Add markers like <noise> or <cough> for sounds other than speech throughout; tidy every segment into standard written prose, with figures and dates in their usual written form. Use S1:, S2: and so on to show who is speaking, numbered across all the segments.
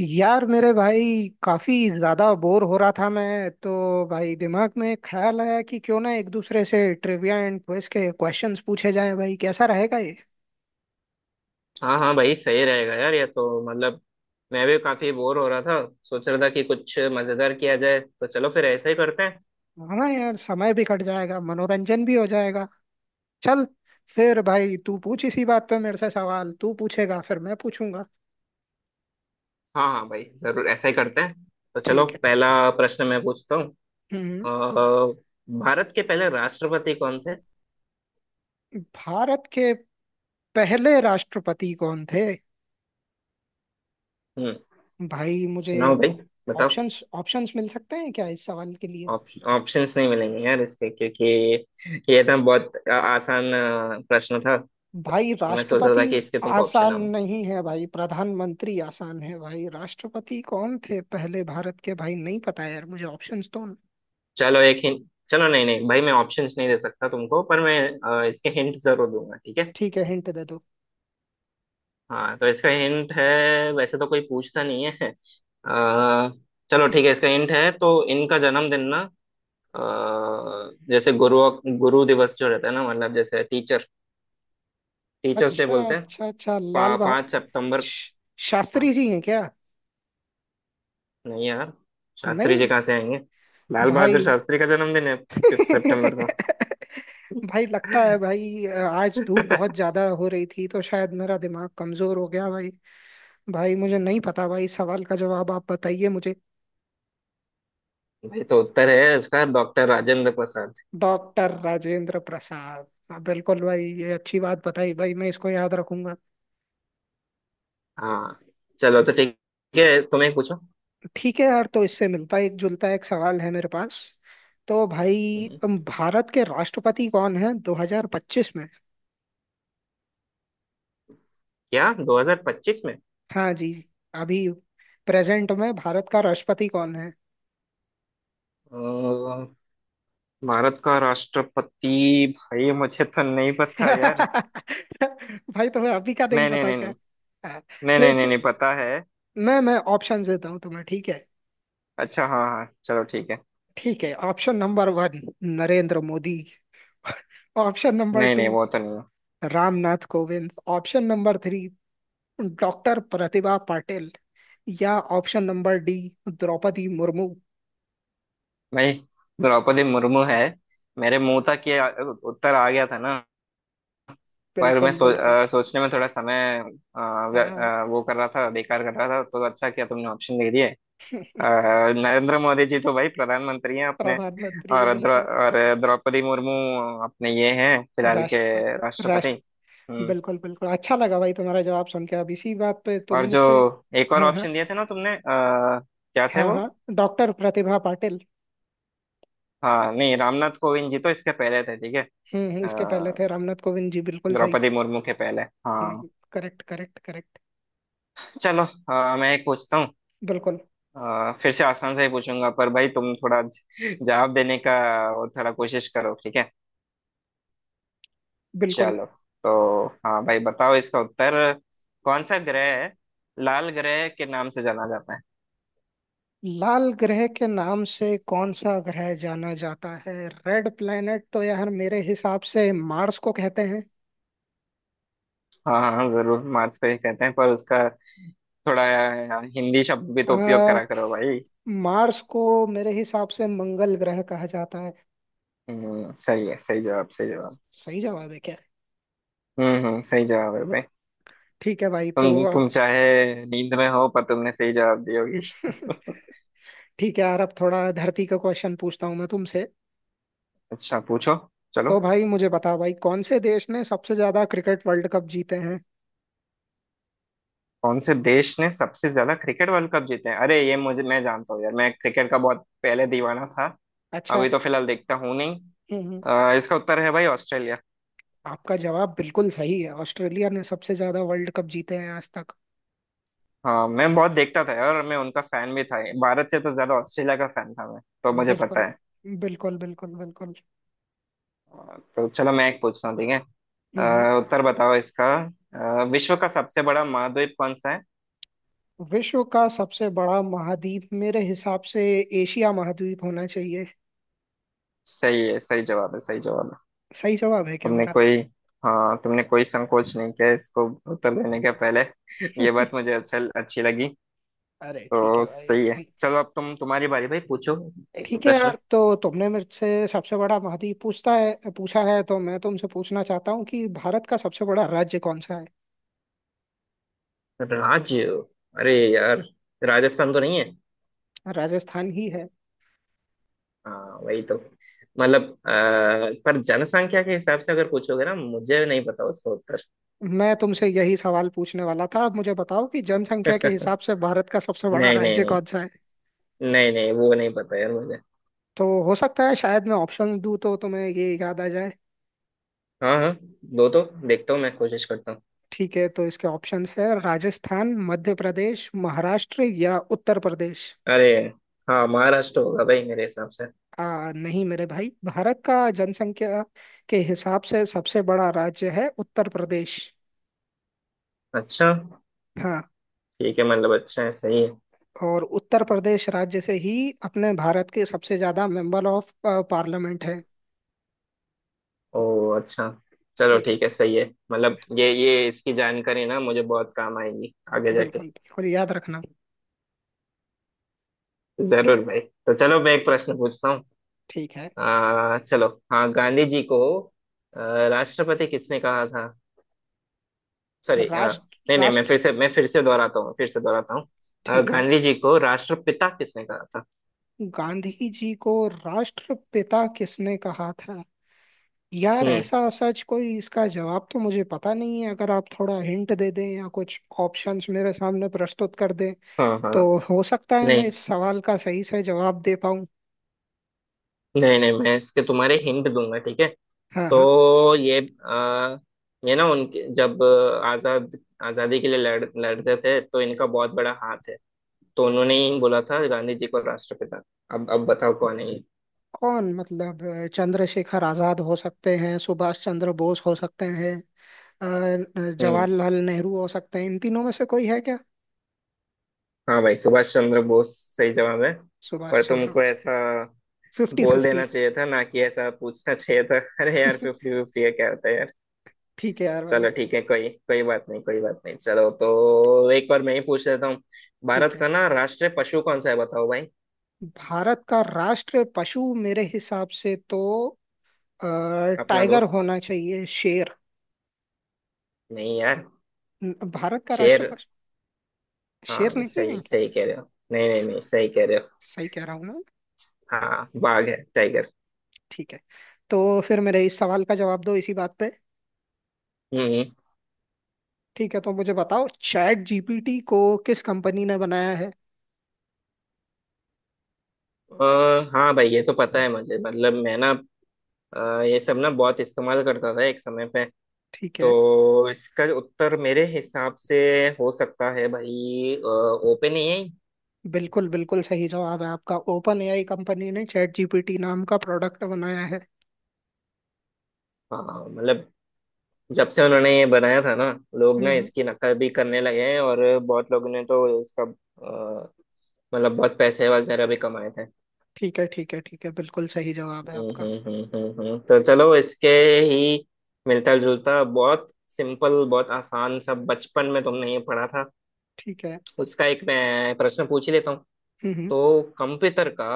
S1: यार मेरे भाई, काफी ज्यादा बोर हो रहा था मैं तो। भाई, दिमाग में ख्याल आया कि क्यों ना एक दूसरे से ट्रिविया एंड क्विज के क्वेश्चंस पूछे जाएं। भाई, कैसा रहेगा ये?
S2: हाँ हाँ भाई, सही रहेगा यार। ये तो मतलब मैं भी काफी बोर हो रहा था। सोच रहा था कि कुछ मजेदार किया जाए, तो चलो फिर ऐसा ही करते हैं।
S1: हाँ यार, समय भी कट जाएगा, मनोरंजन भी हो जाएगा। चल फिर भाई, तू पूछ इसी बात पे मेरे से सवाल। तू पूछेगा फिर मैं पूछूंगा।
S2: हाँ हाँ भाई, जरूर ऐसा ही करते हैं। तो चलो,
S1: ठीक है,
S2: पहला
S1: ठीक है।
S2: प्रश्न मैं पूछता हूँ।
S1: हम्म।
S2: अ, भारत के पहले राष्ट्रपति कौन थे?
S1: भारत के पहले राष्ट्रपति कौन थे?
S2: हम्म।
S1: भाई, मुझे
S2: सुनाओ भाई, बताओ।
S1: ऑप्शंस ऑप्शंस मिल सकते हैं क्या इस सवाल के लिए?
S2: ऑप्शंस नहीं मिलेंगे यार इसके, क्योंकि ये तो बहुत आसान प्रश्न था।
S1: भाई
S2: मैं सोच रहा
S1: राष्ट्रपति
S2: था कि इसके तुमको ऑप्शन
S1: आसान
S2: ना।
S1: नहीं है भाई। प्रधानमंत्री आसान है भाई। राष्ट्रपति कौन थे पहले भारत के? भाई, नहीं पता यार मुझे। ऑप्शंस तो।
S2: चलो एक हिंट। चलो नहीं नहीं भाई, मैं ऑप्शंस नहीं दे सकता तुमको, पर मैं इसके हिंट जरूर दूंगा, ठीक है।
S1: ठीक है, हिंट दे दो।
S2: हाँ, तो इसका हिंट है। वैसे तो कोई पूछता नहीं है। चलो ठीक
S1: <laughs>
S2: है, इसका हिंट है तो इनका जन्मदिन ना। अ, जैसे गुरु गुरु दिवस जो रहता है ना, मतलब जैसे टीचर्स डे
S1: अच्छा
S2: बोलते हैं।
S1: अच्छा अच्छा,
S2: 5 सितंबर।
S1: श-
S2: हाँ।
S1: शास्त्री जी हैं क्या?
S2: नहीं यार, शास्त्री जी
S1: नहीं
S2: कहाँ से आएंगे। लाल
S1: भाई।
S2: बहादुर शास्त्री का जन्मदिन है 5 सितंबर
S1: <laughs>
S2: को।
S1: भाई लगता है भाई, आज धूप बहुत
S2: <laughs>
S1: ज्यादा हो रही थी तो शायद मेरा दिमाग कमजोर हो गया भाई। भाई, मुझे नहीं पता भाई। सवाल का जवाब आप बताइए मुझे।
S2: भाई, तो उत्तर है इसका डॉक्टर राजेंद्र प्रसाद।
S1: डॉक्टर राजेंद्र प्रसाद, हाँ, बिल्कुल भाई। ये अच्छी बात बताई भाई, मैं इसको याद रखूंगा।
S2: हाँ, चलो तो ठीक है, तुम्हें पूछो।
S1: ठीक है यार, तो इससे मिलता एक जुलता एक सवाल है मेरे पास। तो भाई,
S2: हम्म,
S1: भारत के राष्ट्रपति कौन है 2025 में?
S2: क्या 2025 में
S1: हाँ जी। अभी प्रेजेंट में भारत का राष्ट्रपति कौन है?
S2: अ, भारत का राष्ट्रपति? भाई मुझे तो नहीं पता यार।
S1: <laughs> भाई, तुम्हें अभी का नहीं
S2: नहीं नहीं
S1: पता
S2: नहीं
S1: क्या?
S2: नहीं।
S1: हाँ।
S2: नहीं
S1: चलो,
S2: नहीं नहीं, नहीं पता है।
S1: मैं ऑप्शन देता हूँ तुम्हें, ठीक है?
S2: अच्छा, हाँ हाँ, चलो ठीक है।
S1: ठीक है, option number one, Narendra Modi. <laughs> Option number
S2: नहीं
S1: टू,
S2: नहीं, वो तो नहीं है।
S1: Ramnath Kovind. Option number three, doctor Pratibha Patil. या option number D, Draupadi Murmu.
S2: भाई, द्रौपदी मुर्मू है। मेरे मुंह तक ये उत्तर आ गया था ना। पर मैं
S1: बिल्कुल बिल्कुल,
S2: सोचने में थोड़ा समय
S1: हाँ।
S2: वो कर रहा था, बेकार कर रहा था। तो अच्छा किया तुमने ऑप्शन दे दिए। अ,
S1: <laughs>
S2: नरेंद्र मोदी जी तो भाई प्रधानमंत्री हैं अपने।
S1: प्रधानमंत्री,
S2: और
S1: बिल्कुल।
S2: द्रौपदी मुर्मू अपने ये हैं फिलहाल के
S1: राष्ट्रपति
S2: राष्ट्रपति।
S1: राष्ट्र
S2: हम्म।
S1: बिल्कुल बिल्कुल। अच्छा लगा भाई तुम्हारा जवाब सुन के। अब इसी बात पे तुम
S2: और जो
S1: मुझसे।
S2: एक और
S1: हाँ हाँ,
S2: ऑप्शन दिए थे ना तुमने, क्या थे
S1: हाँ
S2: वो?
S1: हाँ, डॉक्टर प्रतिभा पाटिल।
S2: हाँ नहीं, रामनाथ कोविंद जी तो इसके पहले थे, ठीक है।
S1: इसके पहले
S2: अ,
S1: थे रामनाथ कोविंद जी, बिल्कुल सही।
S2: द्रौपदी मुर्मू के पहले। हाँ।
S1: करेक्ट करेक्ट करेक्ट,
S2: चलो मैं एक पूछता हूँ।
S1: बिल्कुल
S2: फिर से आसान से ही पूछूंगा, पर भाई तुम थोड़ा जवाब देने का वो थोड़ा कोशिश करो, ठीक है।
S1: बिल्कुल।
S2: चलो। तो हाँ भाई, बताओ इसका उत्तर। कौन सा ग्रह है लाल ग्रह के नाम से जाना जाता है?
S1: लाल ग्रह के नाम से कौन सा ग्रह जाना जाता है? रेड प्लेनेट तो यार मेरे हिसाब से मार्स को कहते हैं।
S2: हाँ हाँ हाँ, जरूर मार्स को ही कहते हैं, पर उसका थोड़ा हिंदी शब्द भी तो उपयोग
S1: आ,
S2: करा करो भाई।
S1: मार्स को मेरे हिसाब से मंगल ग्रह कहा जाता है।
S2: सही है, सही जवाब, सही जवाब।
S1: सही जवाब है क्या?
S2: सही जवाब है भाई।
S1: ठीक है भाई, तो
S2: तुम तुम चाहे नींद में हो, पर तुमने सही जवाब दी होगी।
S1: <laughs>
S2: <laughs>
S1: ठीक है यार, अब थोड़ा धरती का क्वेश्चन पूछता हूँ मैं तुमसे।
S2: अच्छा, पूछो। चलो।
S1: तो भाई मुझे बता भाई, कौन से देश ने सबसे ज्यादा क्रिकेट वर्ल्ड कप जीते हैं?
S2: कौन से देश ने सबसे ज्यादा क्रिकेट वर्ल्ड कप जीते हैं? अरे, ये मुझे मैं जानता हूँ यार, मैं क्रिकेट का बहुत पहले दीवाना था।
S1: अच्छा।
S2: अभी तो फिलहाल देखता हूँ नहीं।
S1: हम्म हम्म,
S2: इसका उत्तर है भाई ऑस्ट्रेलिया।
S1: आपका जवाब बिल्कुल सही है। ऑस्ट्रेलिया ने सबसे ज्यादा वर्ल्ड कप जीते हैं आज तक।
S2: हाँ, मैं बहुत देखता था, और मैं उनका फैन भी था। भारत से तो ज्यादा ऑस्ट्रेलिया का फैन था मैं, तो मुझे
S1: बिल्कुल
S2: पता है।
S1: बिल्कुल, बिल्कुल बिल्कुल।
S2: तो चलो मैं एक पूछता हूँ, ठीक है।
S1: हम्म।
S2: उत्तर बताओ इसका। विश्व का सबसे बड़ा महाद्वीप कौन सा है?
S1: विश्व का सबसे बड़ा महाद्वीप मेरे हिसाब से एशिया महाद्वीप होना चाहिए।
S2: सही है, सही जवाब है, सही जवाब है।
S1: सही जवाब है क्या
S2: तुमने
S1: मेरा?
S2: कोई हाँ, तुमने कोई संकोच नहीं किया इसको उत्तर देने के पहले। <laughs> ये बात मुझे
S1: <laughs>
S2: अच्छी लगी।
S1: अरे ठीक है
S2: तो
S1: भाई।
S2: सही
S1: <laughs>
S2: है, चलो। अब तुम्हारी बारी भाई, पूछो एक
S1: ठीक है
S2: प्रश्न।
S1: यार, तो तुमने मेरे से सबसे बड़ा महाद्वीप पूछता है पूछा है, तो मैं तुमसे पूछना चाहता हूँ कि भारत का सबसे बड़ा राज्य कौन सा है।
S2: राज्य? अरे यार, राजस्थान तो नहीं है।
S1: राजस्थान ही है।
S2: हाँ वही तो। मतलब पर जनसंख्या के हिसाब से अगर पूछोगे ना, मुझे नहीं पता उसका उत्तर।
S1: मैं तुमसे यही सवाल पूछने वाला था। अब मुझे बताओ कि जनसंख्या के हिसाब से भारत का सबसे बड़ा
S2: नहीं नहीं
S1: राज्य
S2: नहीं
S1: कौन सा है?
S2: नहीं, नहीं वो नहीं पता यार मुझे।
S1: तो हो सकता है शायद मैं ऑप्शन दूं तो तुम्हें ये याद आ जाए।
S2: हाँ हाँ, दो तो, देखता हूँ मैं कोशिश करता हूँ।
S1: ठीक है, तो इसके ऑप्शंस है, राजस्थान, मध्य प्रदेश, महाराष्ट्र या उत्तर प्रदेश।
S2: अरे, हाँ महाराष्ट्र होगा भाई मेरे हिसाब से।
S1: नहीं मेरे भाई, भारत का जनसंख्या के हिसाब से सबसे बड़ा राज्य है उत्तर प्रदेश।
S2: अच्छा।
S1: हाँ।
S2: ठीक है, मतलब अच्छा है, सही है।
S1: और उत्तर प्रदेश राज्य से ही अपने भारत के सबसे ज्यादा मेंबर ऑफ पार्लियामेंट है।
S2: ओ अच्छा, चलो
S1: ठीक
S2: ठीक है,
S1: है।
S2: सही है। मतलब ये इसकी जानकारी ना मुझे बहुत काम आएगी आगे जाके।
S1: बिल्कुल बिल्कुल, याद रखना।
S2: जरूर भाई। तो चलो मैं एक प्रश्न पूछता हूँ।
S1: ठीक है।
S2: चलो हाँ, गांधी जी को आ, राष्ट्रपति किसने कहा था? सॉरी,
S1: राष्ट्र
S2: नहीं नहीं,
S1: राष्ट्र
S2: मैं फिर से दोहराता हूँ।
S1: ठीक है।
S2: गांधी जी को राष्ट्रपिता किसने कहा था?
S1: गांधी जी को राष्ट्रपिता किसने कहा था? यार,
S2: हम्म।
S1: ऐसा सच कोई इसका जवाब तो मुझे पता नहीं है। अगर आप थोड़ा हिंट दे दें या कुछ ऑप्शंस मेरे सामने प्रस्तुत कर दें,
S2: हाँ हाँ,
S1: तो हो सकता है मैं
S2: नहीं
S1: इस सवाल का सही से जवाब दे पाऊं।
S2: नहीं नहीं, मैं इसके तुम्हारे हिंट दूंगा, ठीक है।
S1: हाँ हाँ।
S2: तो ये आ, ये ना उनके जब आजादी के लिए लड़ते थे, तो इनका बहुत बड़ा हाथ है। तो उन्होंने ही बोला था गांधी जी को राष्ट्रपिता। अब बताओ कौन है ये।
S1: कौन मतलब, चंद्रशेखर आजाद हो सकते हैं, सुभाष चंद्र बोस हो सकते हैं,
S2: हम्म
S1: जवाहरलाल नेहरू हो सकते हैं। इन तीनों में से कोई है क्या?
S2: हाँ भाई, सुभाष चंद्र बोस। सही जवाब है। पर
S1: सुभाष चंद्र
S2: तुमको
S1: बोस।
S2: ऐसा
S1: फिफ्टी
S2: बोल
S1: फिफ्टी।
S2: देना चाहिए था ना, कि ऐसा पूछना चाहिए था। <laughs> अरे यार,
S1: <laughs>
S2: फिफ्टी फिफ्टी है क्या होता है यार।
S1: ठीक है यार भाई,
S2: चलो ठीक है, कोई कोई बात नहीं, कोई बात नहीं। चलो तो एक बार मैं ही पूछ लेता हूँ।
S1: ठीक
S2: भारत
S1: है।
S2: का ना राष्ट्रीय पशु कौन सा है, बताओ भाई।
S1: भारत का राष्ट्र पशु मेरे हिसाब से तो अ,
S2: अपना
S1: टाइगर
S2: दोस्त।
S1: होना चाहिए, शेर।
S2: नहीं यार।
S1: भारत का
S2: शेर?
S1: राष्ट्र पशु शेर
S2: हाँ,
S1: नहीं है
S2: सही
S1: क्या?
S2: सही कह रहे हो, नहीं नहीं
S1: स-
S2: नहीं, सही कह रहे हो।
S1: सही कह रहा हूँ ना?
S2: हाँ, बाघ है, टाइगर।
S1: ठीक है, तो फिर मेरे इस सवाल का जवाब दो इसी बात पे।
S2: हम्म
S1: ठीक है, तो मुझे बताओ चैट जीपीटी को किस कंपनी ने बनाया है?
S2: अ, हाँ भाई, ये तो पता है मुझे, मतलब मैं ना ये सब ना बहुत इस्तेमाल करता था एक समय पे।
S1: ठीक है।
S2: तो इसका उत्तर मेरे हिसाब से हो सकता है भाई ओपन ही है।
S1: बिल्कुल बिल्कुल सही जवाब है आपका। ओपन एआई कंपनी ने चैट जीपीटी नाम का प्रोडक्ट बनाया है।
S2: हाँ मतलब जब से उन्होंने ये बनाया था ना, लोग ना
S1: हम्म।
S2: इसकी नकल भी करने लगे हैं। और बहुत लोगों ने तो इसका मतलब बहुत पैसे वगैरह भी कमाए थे।
S1: ठीक है ठीक है ठीक है, बिल्कुल सही जवाब है आपका।
S2: तो चलो इसके ही मिलता जुलता, बहुत सिंपल, बहुत आसान सा, बचपन में तुमने ये पढ़ा था
S1: ठीक है।
S2: उसका एक मैं प्रश्न पूछ ही लेता हूँ।
S1: हम्म हम्म।
S2: तो कंप्यूटर का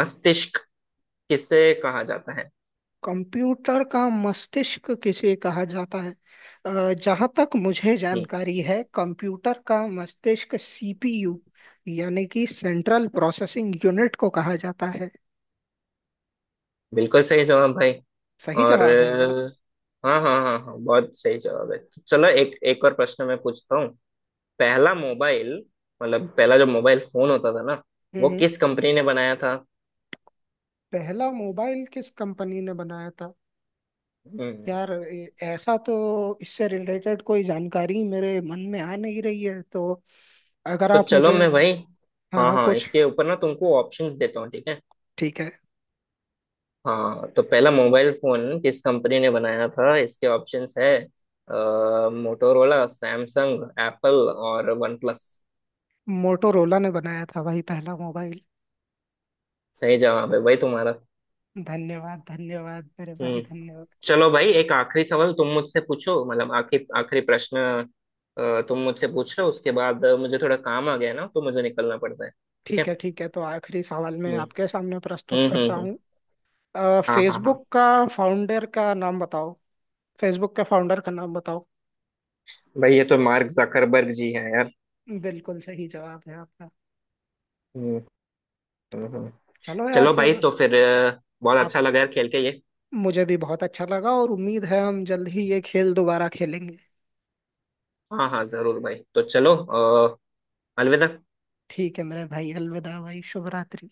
S2: मस्तिष्क किसे कहा जाता है?
S1: कंप्यूटर का मस्तिष्क किसे कहा जाता है? जहाँ तक मुझे
S2: हम्म।
S1: जानकारी है, कंप्यूटर का मस्तिष्क सीपीयू यानी कि सेंट्रल प्रोसेसिंग यूनिट को कहा जाता है।
S2: बिल्कुल सही जवाब भाई।
S1: सही
S2: और
S1: जवाब है मेरा?
S2: हाँ हाँ हाँ हाँ, बहुत सही जवाब है। चलो एक एक और प्रश्न मैं पूछता हूँ। पहला मोबाइल, मतलब पहला जो मोबाइल फोन होता था ना, वो
S1: हम्म।
S2: किस कंपनी ने बनाया था?
S1: पहला मोबाइल किस कंपनी ने बनाया था?
S2: हम्म।
S1: यार, ऐसा तो इससे रिलेटेड कोई जानकारी मेरे मन में आ नहीं रही है, तो अगर
S2: तो
S1: आप
S2: चलो
S1: मुझे।
S2: मैं भाई,
S1: हाँ
S2: हाँ
S1: हाँ,
S2: हाँ,
S1: कुछ।
S2: इसके ऊपर ना तुमको ऑप्शंस देता हूँ, ठीक है।
S1: ठीक है।
S2: हाँ, तो पहला मोबाइल फोन किस कंपनी ने बनाया था, इसके ऑप्शंस है मोटोरोला, सैमसंग, एप्पल और वन प्लस।
S1: मोटोरोला ने बनाया था भाई, पहला मोबाइल।
S2: सही जवाब है भाई तुम्हारा।
S1: धन्यवाद धन्यवाद मेरे भाई,
S2: हम्म।
S1: धन्यवाद।
S2: चलो भाई, एक आखिरी सवाल तुम मुझसे पूछो, मतलब आखिरी आखिरी प्रश्न। तुम मुझसे पूछ लो, उसके बाद मुझे थोड़ा काम आ गया ना, तो मुझे निकलना पड़ता है। ठीक है।
S1: ठीक है ठीक है, तो आखिरी सवाल मैं
S2: हम्म
S1: आपके सामने प्रस्तुत
S2: हम्म
S1: करता
S2: हम्म हम्म।
S1: हूँ।
S2: हाँ हाँ हाँ।
S1: फेसबुक का फाउंडर का नाम बताओ फेसबुक के फाउंडर का नाम बताओ।
S2: भाई, ये तो मार्क जकरबर्ग जी हैं यार।
S1: बिल्कुल सही जवाब है आपका।
S2: हम्म। हम्म
S1: चलो यार
S2: चलो
S1: फिर।
S2: भाई, तो फिर बहुत
S1: आप।
S2: अच्छा लगा यार खेल के ये।
S1: मुझे भी बहुत अच्छा लगा और उम्मीद है हम जल्द ही ये खेल दोबारा खेलेंगे।
S2: हाँ हाँ, जरूर भाई, तो चलो अ, अलविदा।
S1: ठीक है मेरे भाई, अलविदा भाई, शुभ रात्रि।